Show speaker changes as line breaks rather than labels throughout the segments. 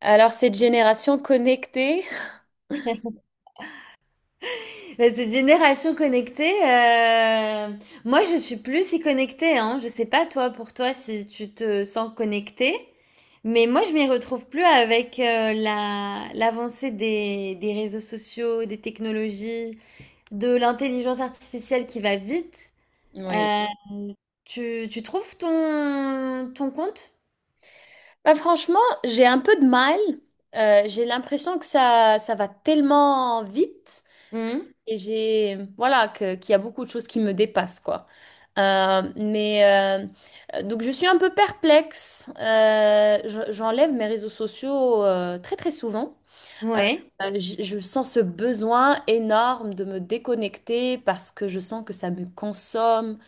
Alors, cette génération connectée,
Mais cette génération connectée, moi je suis plus si connectée. Hein. Je sais pas toi, pour toi, si tu te sens connectée, mais moi je m'y retrouve plus avec l'avancée des réseaux sociaux, des technologies, de l'intelligence artificielle qui va vite.
oui.
Euh, tu trouves ton compte?
Bah, franchement, j'ai un peu de mal. J'ai l'impression que ça va tellement vite
Mhm.
et j'ai, voilà, qu'il y a beaucoup de choses qui me dépassent, quoi. Euh, mais euh, donc, je suis un peu perplexe. J'enlève mes réseaux sociaux très, très souvent. Euh,
Ouais.
je sens ce besoin énorme de me déconnecter parce que je sens que ça me consomme.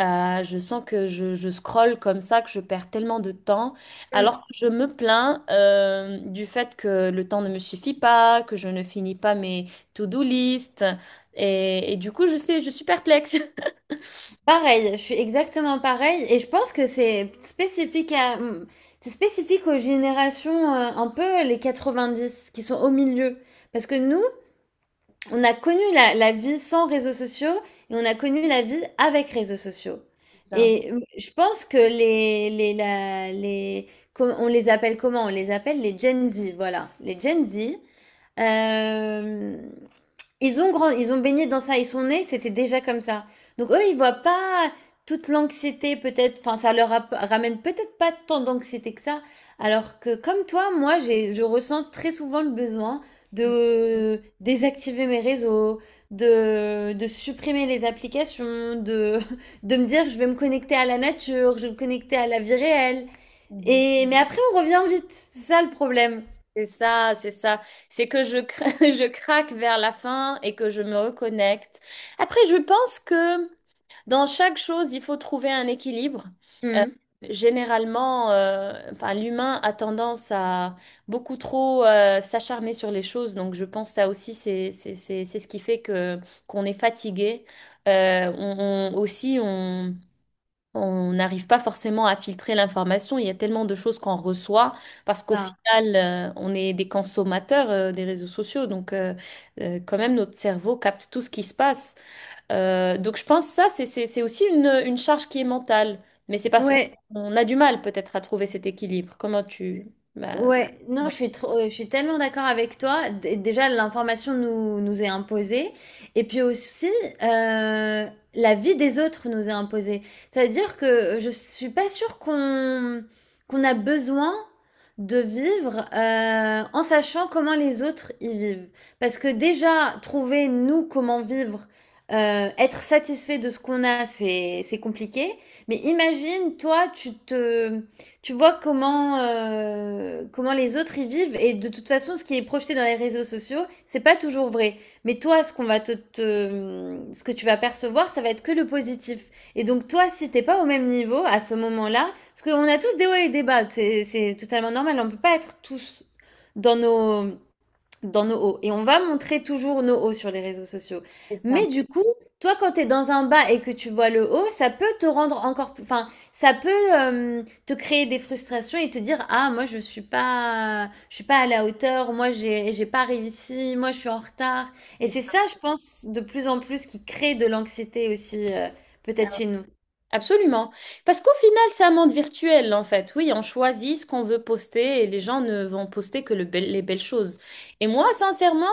Je sens que je scrolle comme ça, que je perds tellement de temps, alors
Mmh.
que je me plains du fait que le temps ne me suffit pas, que je ne finis pas mes to-do list, et du coup, je sais, je suis perplexe.
Pareil, je suis exactement pareil et je pense que c'est spécifique à c'est spécifique aux générations un peu les 90 qui sont au milieu parce que nous, on a connu la vie sans réseaux sociaux et on a connu la vie avec réseaux sociaux.
C'est ça.
Je pense que les la- les com- on les appelle comment? On les appelle les Gen Z, voilà, les Gen Z. Euh, Ils ont baigné dans ça, ils sont nés, c'était déjà comme ça. Donc eux, ils voient pas toute l'anxiété peut-être, enfin ramène peut-être pas tant d'anxiété que ça, alors que comme toi, moi, je ressens très souvent le besoin
Mm,
de désactiver mes réseaux, de supprimer les applications, de me dire je vais me connecter à la nature, je vais me connecter à la vie réelle.
mhm.
Et mais après, on revient vite, c'est ça le problème.
C'est ça, c'est ça. C'est que je craque vers la fin et que je me reconnecte. Après, je pense que dans chaque chose, il faut trouver un équilibre. Euh,
Hmm.
Généralement, enfin, l'humain a tendance à beaucoup trop s'acharner sur les choses. Donc, je pense que ça aussi, c'est ce qui fait que qu'on est fatigué. Aussi, on n'arrive pas forcément à filtrer l'information. Il y a tellement de choses qu'on reçoit parce qu'au
Ça.
final, on est des consommateurs des réseaux sociaux. Donc, quand même, notre cerveau capte tout ce qui se passe. Donc je pense que ça, c'est aussi une charge qui est mentale. Mais c'est parce qu'on
Ouais.
on a du mal peut-être à trouver cet équilibre. Comment tu... Ben,
Ouais, non,
oui,
je suis trop, je suis tellement d'accord avec toi. Déjà, l'information nous est imposée. Et puis aussi, euh, la vie des autres nous est imposée. C'est-à-dire que je suis pas sûre qu'on a besoin de vivre en sachant comment les autres y vivent. Parce que déjà, trouver nous comment vivre, être satisfait de ce qu'on a, c'est compliqué. Mais imagine, toi, tu vois comment les autres y vivent. Et de toute façon, ce qui est projeté dans les réseaux sociaux, c'est pas toujours vrai. Mais toi, ce qu'on va te, te- ce que tu vas percevoir, ça va être que le positif. Et donc, toi, si t'es pas au même niveau à ce moment-là, parce qu'on a tous des hauts et des bas, c'est totalement normal. On peut pas être tous dans nos, dans nos hauts. Et on va montrer toujours nos hauts sur les réseaux sociaux.
c'est ça.
Mais du coup, toi, quand tu es dans un bas et que tu vois le haut, ça peut te rendre encore plus... Enfin, ça peut te créer des frustrations et te dire, ah, moi, je suis pas à la hauteur, moi, j'ai pas réussi, moi, je suis en retard. Et
C'est
c'est
ça.
ça, je pense, de plus en plus qui crée de l'anxiété aussi, peut-être chez nous.
Absolument. Parce qu'au final, c'est un monde virtuel, en fait. Oui, on choisit ce qu'on veut poster et les gens ne vont poster que les belles choses. Et moi, sincèrement,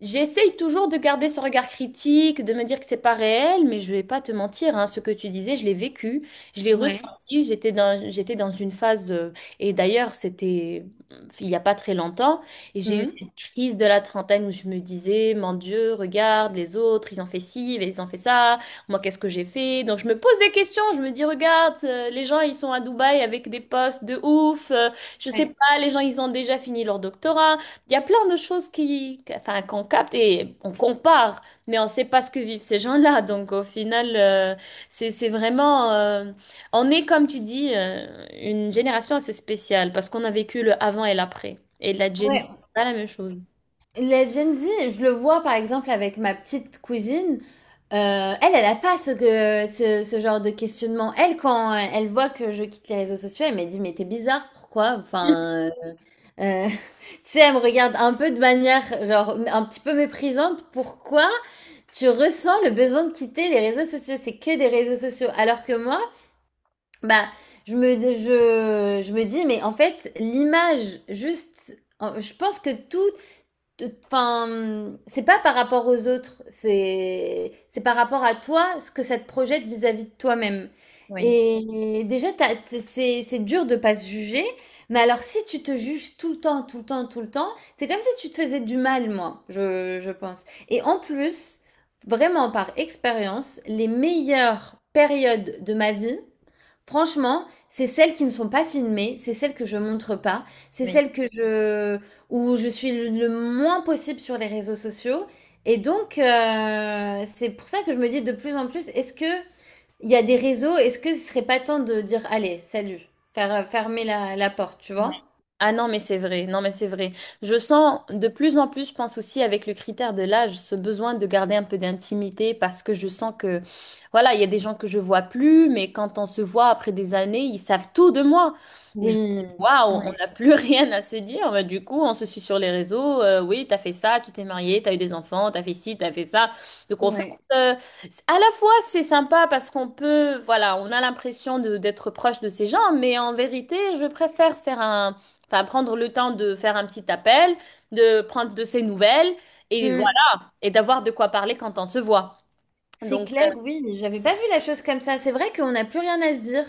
j'essaye toujours de garder ce regard critique, de me dire que c'est pas réel, mais je vais pas te mentir, hein, ce que tu disais, je l'ai vécu, je l'ai
Ouais.
ressenti, j'étais dans une phase, et d'ailleurs, c'était il y a pas très longtemps, et j'ai eu
Mhm.
cette crise de la trentaine où je me disais, mon Dieu, regarde les autres, ils ont fait ci, ils ont fait ça. Moi, qu'est-ce que j'ai fait? Donc, je me pose des questions. Je me dis, regarde, les gens, ils sont à Dubaï avec des postes de ouf. Je sais
Ouais.
pas, les gens, ils ont déjà fini leur doctorat. Il y a plein de choses enfin, qu'on capte et on compare, mais on sait pas ce que vivent ces gens-là. Donc, au final, c'est vraiment, on est, comme tu dis, une génération assez spéciale parce qu'on a vécu le avant et l'après. Et la Gen Z,
Ouais.
c'est pas la même chose.
Les Gen Z, je le vois par exemple avec ma petite cousine. Elle a pas ce genre de questionnement. Elle, quand elle voit que je quitte les réseaux sociaux, elle m'a dit, mais t'es bizarre, pourquoi? Enfin, tu sais, elle me regarde un peu de manière, genre, un petit peu méprisante. Pourquoi tu ressens le besoin de quitter les réseaux sociaux? C'est que des réseaux sociaux. Alors que moi, bah, je me dis, mais en fait, l'image, juste, je pense que tout... Enfin, c'est pas par rapport aux autres, c'est par rapport à toi, ce que ça te projette vis-à-vis de toi-même.
Oui,
Et déjà, c'est dur de pas se juger, mais alors si tu te juges tout le temps, tout le temps, tout le temps, c'est comme si tu te faisais du mal, moi, je pense. Et en plus, vraiment par expérience, les meilleures périodes de ma vie, franchement, c'est celles qui ne sont pas filmées, c'est celles que je montre pas, c'est
oui.
celles que je où je suis le moins possible sur les réseaux sociaux. Et donc, c'est pour ça que je me dis de plus en plus, est-ce que il y a des réseaux, est-ce que ce serait pas temps de dire, allez, salut, faire fermer la porte, tu vois?
Ah non, mais c'est vrai, non, mais c'est vrai. Je sens de plus en plus, je pense aussi avec le critère de l'âge, ce besoin de garder un peu d'intimité parce que je sens que, voilà, il y a des gens que je vois plus, mais quand on se voit après des années, ils savent tout de moi. Et je
Oui,
me dis, waouh, on
ouais,
n'a plus rien à se dire. Mais du coup, on se suit sur les réseaux. Euh, oui, t'as fait ça, tu t'es marié, t'as eu des enfants, t'as fait ci, t'as fait ça. Donc en fait,
ouais.
c'est- à la fois, c'est sympa parce qu'on peut, voilà, on a l'impression de d'être proche de ces gens, mais en vérité, je préfère faire un enfin, prendre le temps de faire un petit appel, de prendre de ses nouvelles et
Mmh.
voilà, et d'avoir de quoi parler quand on se voit.
C'est
Donc, euh,
clair, oui, j'avais pas vu la chose comme ça. C'est vrai qu'on n'a plus rien à se dire.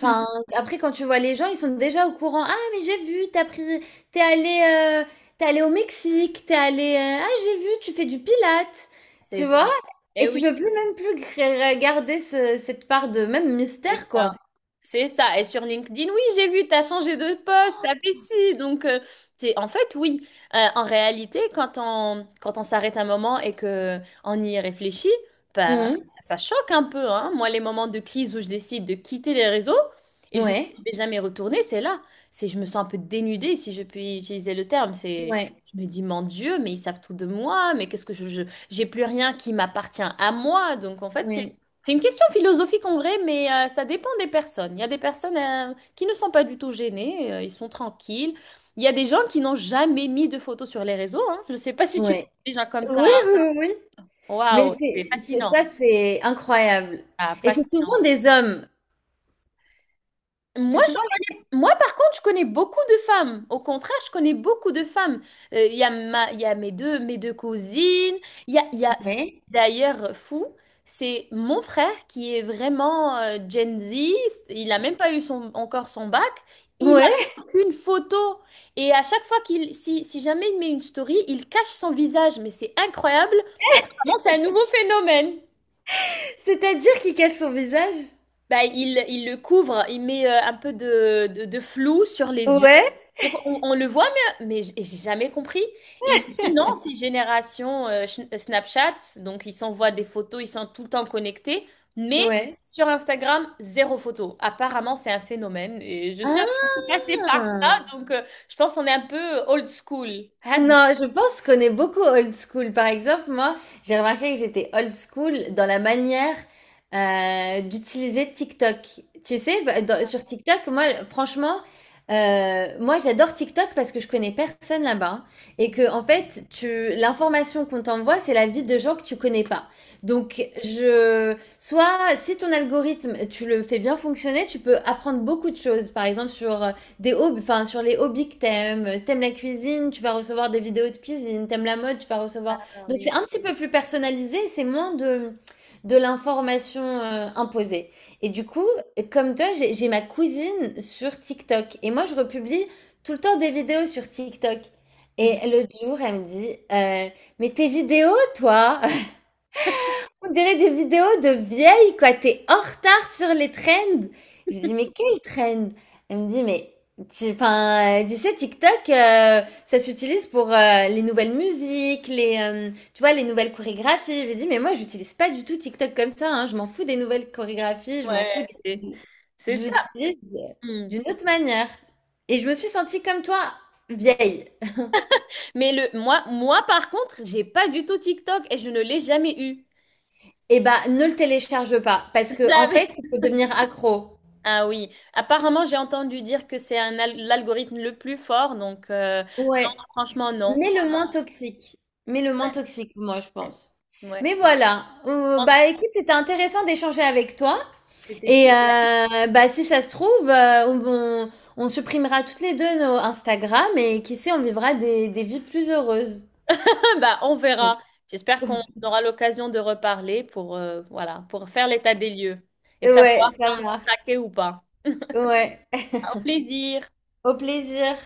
Enfin, après, quand tu vois les gens, ils sont déjà au courant. Ah, mais j'ai vu, t'es allé, euh, t'es allé au Mexique, t'es allé, ah, j'ai vu, tu fais du pilates,
c'est
tu vois?
ça. Et
Et tu
oui.
peux plus même plus garder cette part de même
C'est
mystère,
ça.
quoi.
C'est ça. Et sur LinkedIn, oui, j'ai vu, t'as changé de poste, t'as fait ci. C'est en fait, oui. En réalité, quand on, quand on s'arrête un moment et que on y réfléchit, bah, ça choque un peu, hein. Moi, les moments de crise où je décide de quitter les réseaux et
Mhm.
je ne
Ouais,
vais jamais retourner, c'est là. C'est, je me sens un peu dénudée, si je puis utiliser le terme. C'est,
ouais,
je me dis, mon Dieu, mais ils savent tout de moi, mais qu'est-ce que j'ai plus rien qui m'appartient à moi. Donc, en fait,
oui,
c'est une question philosophique en vrai, mais ça dépend des personnes. Il y a des personnes qui ne sont pas du tout gênées, ils sont tranquilles. Il y a des gens qui n'ont jamais mis de photos sur les réseaux. Hein. Je ne sais pas si tu connais
ouais,
des gens comme ça.
oui,
Hein.
oui, oui. Mais
Waouh, c'est fascinant.
ça, c'est incroyable.
Ah,
Et c'est
fascinant.
souvent des hommes.
Moi,
C'est souvent les...
Moi, par contre, je connais beaucoup de femmes. Au contraire, je connais beaucoup de femmes. Il y a ma, il y a mes deux cousines. Il y a ce qui est
Ouais.
d'ailleurs fou, c'est mon frère qui est vraiment Gen Z. Il n'a même pas eu son, encore son bac. Il
Ouais.
a aucune photo. Et à chaque fois qu'il, si, si jamais il met une story, il cache son visage. Mais c'est incroyable. Apparemment, c'est un nouveau phénomène.
C'est-à-dire qu'il cache son visage?
Bah, il le couvre, il met un peu de flou sur les yeux.
Ouais.
Donc on le voit, mais j'ai jamais compris. Et il me dit non, c'est génération Snapchat, donc ils s'envoient des photos, ils sont tout le temps connectés, mais
Ouais.
sur Instagram, zéro photo. Apparemment, c'est un phénomène et je suis un peu passée par ça,
Ah!
donc je pense qu'on est un peu old school. Has been.
Non, je pense qu'on est beaucoup old school. Par exemple, moi, j'ai remarqué que j'étais old school dans la manière d'utiliser TikTok. Tu sais, bah, sur TikTok, moi, franchement, moi, j'adore TikTok parce que je connais personne là-bas hein, et que, en fait, tu, l'information qu'on t'envoie, c'est la vie de gens que tu connais pas. Donc, soit si ton algorithme, tu le fais bien fonctionner, tu peux apprendre beaucoup de choses. Par exemple, sur des hobbies, enfin sur les hobbies que t'aimes. T'aimes la cuisine, tu vas recevoir des vidéos de cuisine. T'aimes la mode, tu vas recevoir.
Ah
Donc
oui.
c'est un petit peu plus personnalisé, c'est moins de l'information imposée. Et du coup, comme toi, j'ai ma cousine sur TikTok et moi je republie tout le temps des vidéos sur TikTok.
Mhm.
Et l'autre jour, elle me dit, mais tes vidéos, toi? On dirait des vidéos de vieilles, quoi. T'es en retard sur les trends. Je dis, mais quel trend? Elle me dit, mais 'fin, tu sais, TikTok, ça s'utilise pour les nouvelles musiques, tu vois, les nouvelles chorégraphies. Je lui dis, mais moi, j'utilise pas du tout TikTok comme ça, hein. Je m'en fous des nouvelles chorégraphies. Je m'en fous
Ouais,
des...
c'est
Je
ça.
l'utilise
Mm.
d'une autre manière. Et je me suis sentie comme toi, vieille.
Mais le moi moi par contre, j'ai pas du tout TikTok et je ne l'ai jamais eu.
Eh bah, ne le télécharge pas, parce que en
Jamais.
fait, tu peux devenir accro.
Ah oui, apparemment j'ai entendu dire que c'est l'algorithme le plus fort, donc
Ouais.
franchement non.
Mais le moins toxique. Mais le moins
Ouais,
toxique, moi, je pense.
ouais.
Mais
Je
voilà.
pense que
Bah écoute, c'était intéressant d'échanger avec toi.
c'était sûr.
Et bah si ça se trouve, on supprimera toutes les deux nos Instagram et qui sait, on vivra des vies plus heureuses.
Bah on verra. J'espère qu'on aura l'occasion de reparler pour voilà pour faire l'état des lieux et savoir
Ouais,
si
ça
on a
marche.
craqué ou pas.
Ouais.
Au plaisir.
Au plaisir.